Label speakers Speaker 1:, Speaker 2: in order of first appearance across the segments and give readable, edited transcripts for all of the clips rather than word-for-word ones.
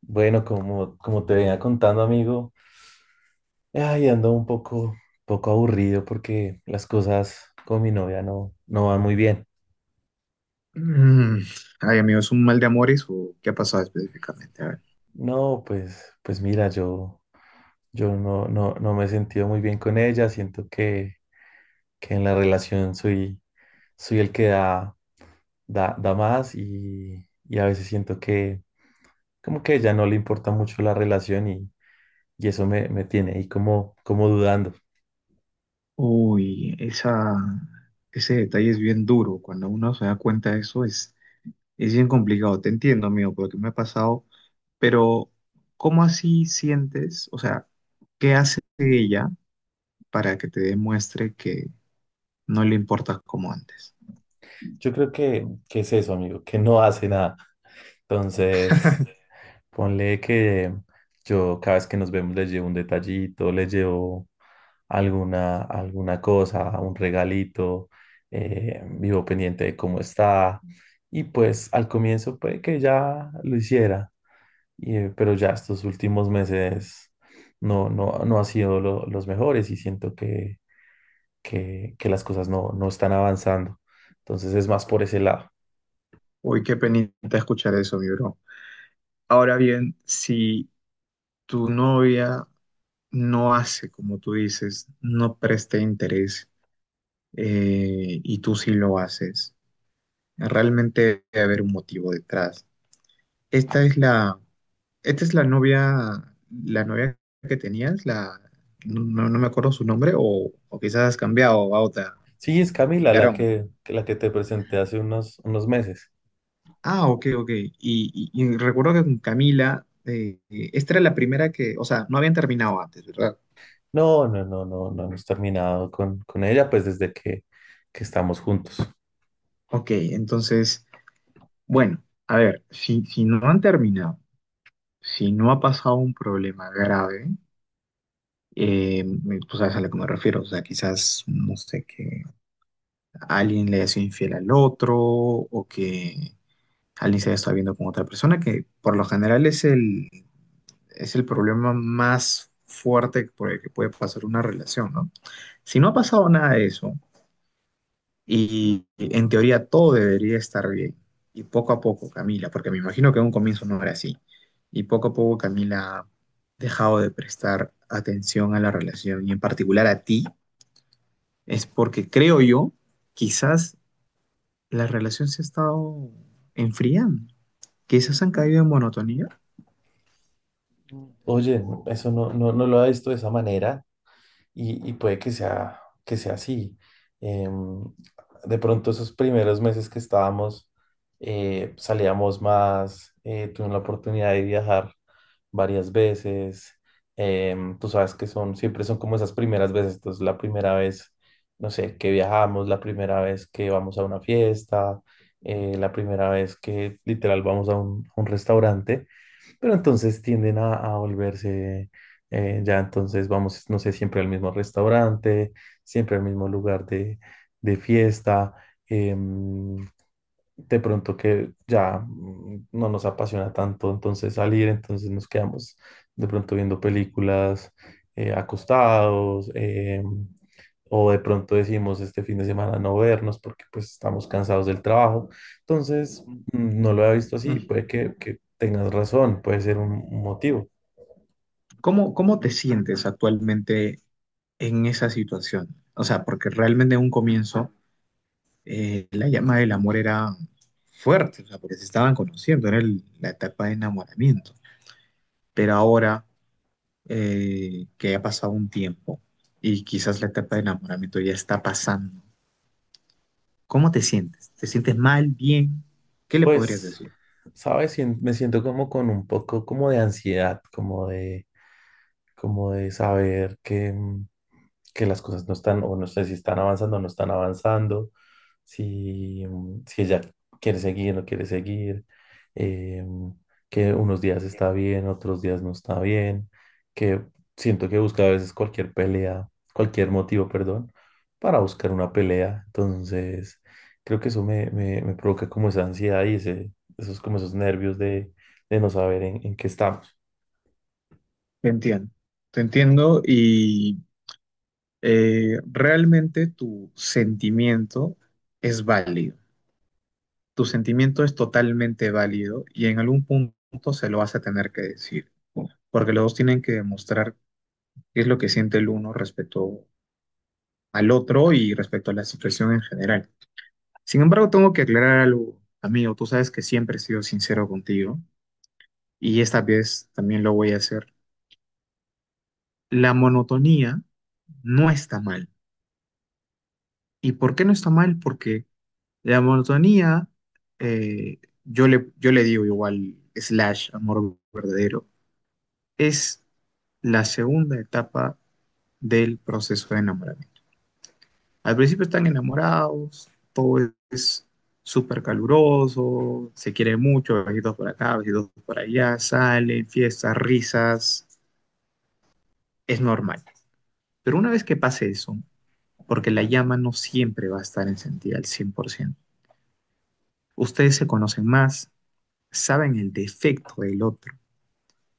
Speaker 1: Bueno, como te venía contando, amigo, ay, ando poco aburrido porque las cosas con mi novia no van muy bien.
Speaker 2: Mm. Ay, amigo, ¿es un mal de amores o qué ha pasado específicamente? A ver.
Speaker 1: No, pues mira, yo no, no me he sentido muy bien con ella. Siento que en la relación soy el que da más y a veces siento que como que a ella no le importa mucho la relación y eso me tiene ahí como dudando.
Speaker 2: Uy, ese detalle es bien duro. Cuando uno se da cuenta de eso es bien complicado. Te entiendo, amigo, porque me ha pasado. Pero, ¿cómo así sientes? O sea, ¿qué hace ella para que te demuestre que no le importas como antes?
Speaker 1: Yo creo que es eso, amigo, que no hace nada. Entonces… Ponle que yo cada vez que nos vemos les llevo un detallito, les llevo alguna cosa, un regalito, vivo pendiente de cómo está. Y pues al comienzo puede que ya lo hiciera, y, pero ya estos últimos meses no han sido los mejores y siento que las cosas no están avanzando. Entonces es más por ese lado.
Speaker 2: Uy, qué penita escuchar eso, mi bro. Ahora bien, si tu novia no hace como tú dices, no presta interés, y tú sí lo haces. Realmente debe haber un motivo detrás. Esta es la, esta es la novia que tenías, la, no, no- no me acuerdo su nombre, o quizás has cambiado a otra.
Speaker 1: Sí, es Camila la
Speaker 2: Garón.
Speaker 1: que te presenté hace unos meses.
Speaker 2: Ah, ok, ok. Y recuerdo que con Camila, esta era la primera que, o sea, no habían terminado antes, ¿verdad?
Speaker 1: No, no, no, no, no hemos terminado con ella, pues desde que estamos juntos.
Speaker 2: Ok, entonces, bueno, a ver, si no han terminado, si no ha pasado un problema grave, eh, tú sabes a lo que me refiero, o sea, quizás, no sé, que alguien le haya sido infiel al otro o que alguien se haya estado viendo con otra persona, que por lo general es el problema más fuerte por el que puede pasar una relación, ¿no? Si no ha pasado nada de eso, y en teoría todo debería estar bien. Y poco a poco, Camila, porque me imagino que en un comienzo no era así. Y poco a poco Camila ha dejado de prestar atención a la relación y en particular a ti, es porque creo yo, quizás la relación se ha estado enfriando. Quizás han caído en monotonía.
Speaker 1: Oye, eso no, no lo había visto de esa manera. Y, puede que sea así. Em, de pronto esos primeros meses que estábamos, salíamos más, tuvimos la oportunidad de viajar varias veces. Tú sabes que son, siempre son como esas primeras veces, entonces la primera vez, no sé, que viajamos, la primera vez que vamos a una fiesta, la primera vez que literal vamos a un restaurante. Pero entonces tienden a volverse, ya entonces vamos, no sé, siempre al mismo restaurante, siempre al mismo lugar de fiesta. em, de pronto que ya no nos apasiona tanto entonces salir, entonces nos quedamos de pronto viendo películas acostados, o de pronto decimos este fin de semana no vernos porque pues estamos cansados del trabajo. Entonces,
Speaker 2: Ujú.
Speaker 1: no lo había visto así, puede que tengas razón, puede ser un motivo.
Speaker 2: ¿Cómo te sientes actualmente en esa situación? O sea, porque realmente en un comienzo, la llama del amor era fuerte, o sea, porque se estaban conociendo, era la etapa de enamoramiento. Pero ahora, que ha pasado un tiempo y quizás la etapa de enamoramiento ya está pasando, ¿cómo te sientes? ¿Te sientes mal, bien? ¿Qué le podrías
Speaker 1: Pues,
Speaker 2: decir?
Speaker 1: sabes, me siento como con un poco como de ansiedad, como de saber que, que las cosas no están, o no sé si están avanzando o no están avanzando, si, si ella quiere seguir o no quiere seguir, eh, que unos días está bien, otros días no está bien, que siento que busca a veces cualquier pelea, cualquier motivo, perdón, para buscar una pelea. Entonces, creo que eso me provoca como esa ansiedad y como esos nervios de no saber en qué estamos.
Speaker 2: Te entiendo, te entiendo y, realmente tu sentimiento es válido. Tu sentimiento es totalmente válido y en algún punto se lo vas a tener que decir, porque los dos tienen que demostrar qué es lo que siente el uno respecto al otro y respecto a la situación en general. Sin embargo, tengo que aclarar algo, amigo, tú sabes que siempre he sido sincero contigo y esta vez también lo voy a hacer. La monotonía no está mal. ¿Y por qué no está mal? Porque la monotonía, yo le digo igual/amor verdadero, es la segunda etapa del proceso de enamoramiento. Al principio están enamorados, todo es súper caluroso, se quiere mucho, besitos por acá, besitos por allá, salen, fiestas, risas, es normal. Pero una vez que pase eso, porque la llama no siempre va a estar encendida al 100%, ustedes se conocen más, saben el defecto del otro.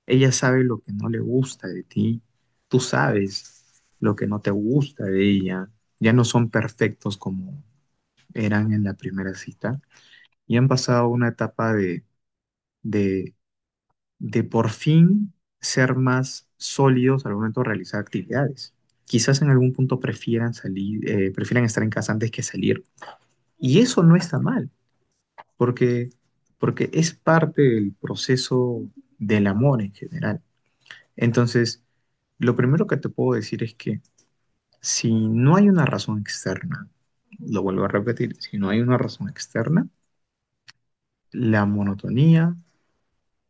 Speaker 2: Ella sabe lo que no le gusta de ti, tú sabes lo que no te gusta de ella. Ya no son perfectos como eran en la primera cita y han pasado una etapa de, de, de, por fin ser más sólidos al momento de realizar actividades. Quizás en algún punto prefieran salir, prefieran estar en casa antes que salir. Y eso no está mal, porque, porque es parte del proceso del amor en general. Entonces, lo primero que te puedo decir es que si no hay una razón externa, lo vuelvo a repetir, si no hay una razón externa, la monotonía,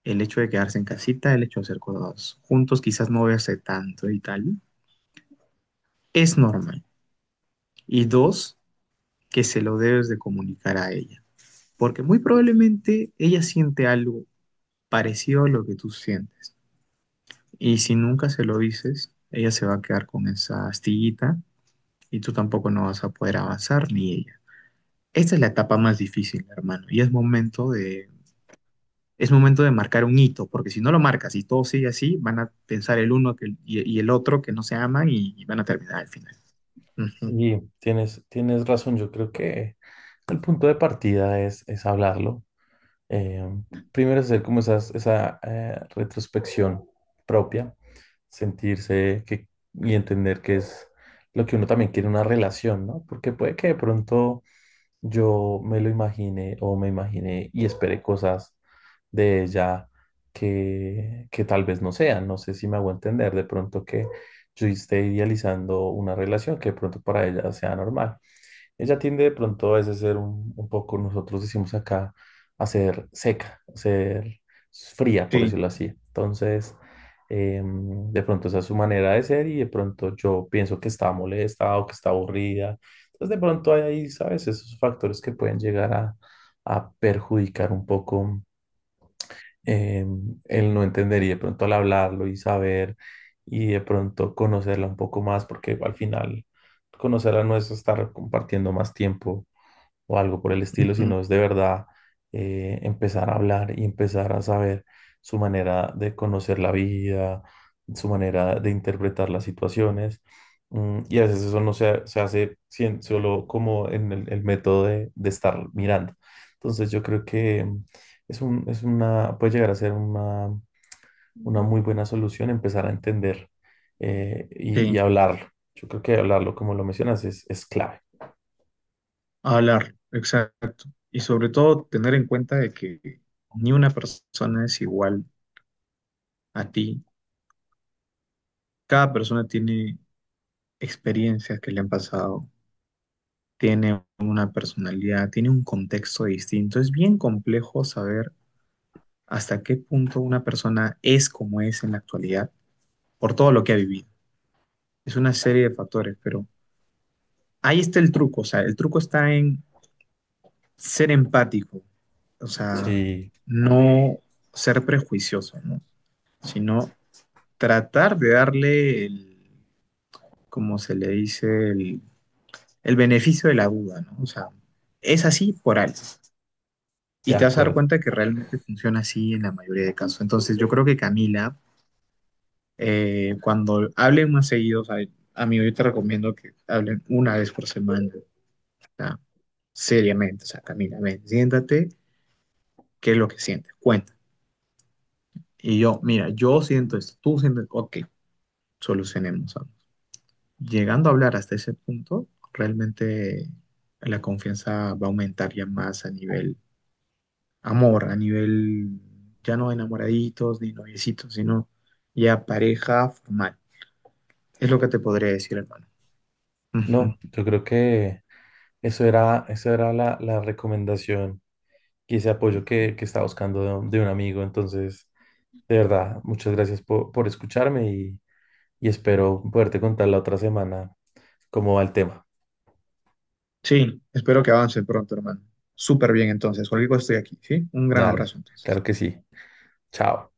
Speaker 2: el hecho de quedarse en casita, el hecho de hacer cosas juntos, quizás no verse tanto y tal, es normal. Y dos, que se lo debes de comunicar a ella, porque muy probablemente ella siente algo parecido a lo que tú sientes. Y si nunca se lo dices, ella se va a quedar con esa astillita y tú tampoco no vas a poder avanzar ni ella. Esta es la etapa más difícil, hermano, y es momento de marcar un hito, porque si no lo marcas y todo sigue así, van a pensar el uno que, y el otro que no se aman y van a terminar al final. Ujú,
Speaker 1: Sí, tienes razón. Yo creo que el punto de partida es hablarlo. Eh, Primero hacer como esas- esa retrospección propia, sentirse que, y entender que es lo que uno también quiere en una relación, ¿no? Porque puede que de pronto yo me lo imaginé o me imaginé y esperé cosas de ella que tal vez no sean. No sé si me hago entender de pronto que yo esté idealizando una relación que de pronto para ella sea normal. Ella tiende de pronto a veces a ser un poco, nosotros decimos acá, a ser seca, a ser fría, por
Speaker 2: sí,
Speaker 1: decirlo así. Entonces, de pronto esa es su manera de ser y de pronto yo pienso que está molesta o que está aburrida. Entonces, de pronto hay ahí, ¿sabes? Esos factores que pueden llegar a perjudicar un poco, el no entender y de pronto al hablarlo y saber y de pronto conocerla un poco más, porque al final conocerla no es estar compartiendo más tiempo o algo por el estilo,
Speaker 2: ujú,
Speaker 1: sino es de verdad empezar a hablar y empezar a saber su manera de conocer la vida, su manera de interpretar las situaciones. Y a veces eso no se hace solo como en el método de estar mirando. Entonces yo creo que es un, es una, puede llegar a ser una muy buena solución empezar a entender, y,
Speaker 2: sí,
Speaker 1: hablarlo. Yo creo que hablarlo, como lo mencionas, es clave.
Speaker 2: hablar, exacto. Y sobre todo tener en cuenta de que ni una persona es igual a ti. Cada persona tiene experiencias que le han pasado, tiene una personalidad, tiene un contexto distinto. Es bien complejo saber hasta qué punto una persona es como es en la actualidad por todo lo que ha vivido. Es una serie de factores, pero ahí está el truco, o sea, el truco está en ser empático, o sea,
Speaker 1: Sí,
Speaker 2: no ser prejuicioso, ¿no? Sino tratar de darle el, como se le dice, el beneficio de la duda, ¿no? O sea, es así por algo.
Speaker 1: de
Speaker 2: Y te vas a dar
Speaker 1: acuerdo.
Speaker 2: cuenta que realmente funciona así en la mayoría de casos. Entonces, yo creo que Camila, eh, cuando hablen más seguido, o sea, amigo, yo te recomiendo que hablen una vez por semana, o sea, seriamente, o sea, Camila, ven, siéntate, ¿qué es lo que sientes? Cuenta. Y yo, mira, yo siento esto, tú sientes, ok, solucionemos. Vamos. Llegando a hablar hasta ese punto, realmente la confianza va a aumentar ya más a nivel amor, a nivel ya no enamoraditos ni noviecitos, sino ya pareja formal. Es lo que te podría decir, hermano.
Speaker 1: No, yo creo que eso era la recomendación y ese apoyo que estaba buscando de un amigo. Entonces, de verdad, muchas gracias por escucharme y, espero poderte contar la otra semana cómo va el tema.
Speaker 2: Sí, espero que avance pronto, hermano. Súper bien, entonces. Cualquier cosa estoy aquí, ¿sí? Un gran
Speaker 1: Dale,
Speaker 2: abrazo,
Speaker 1: claro
Speaker 2: entonces.
Speaker 1: que sí. Chao.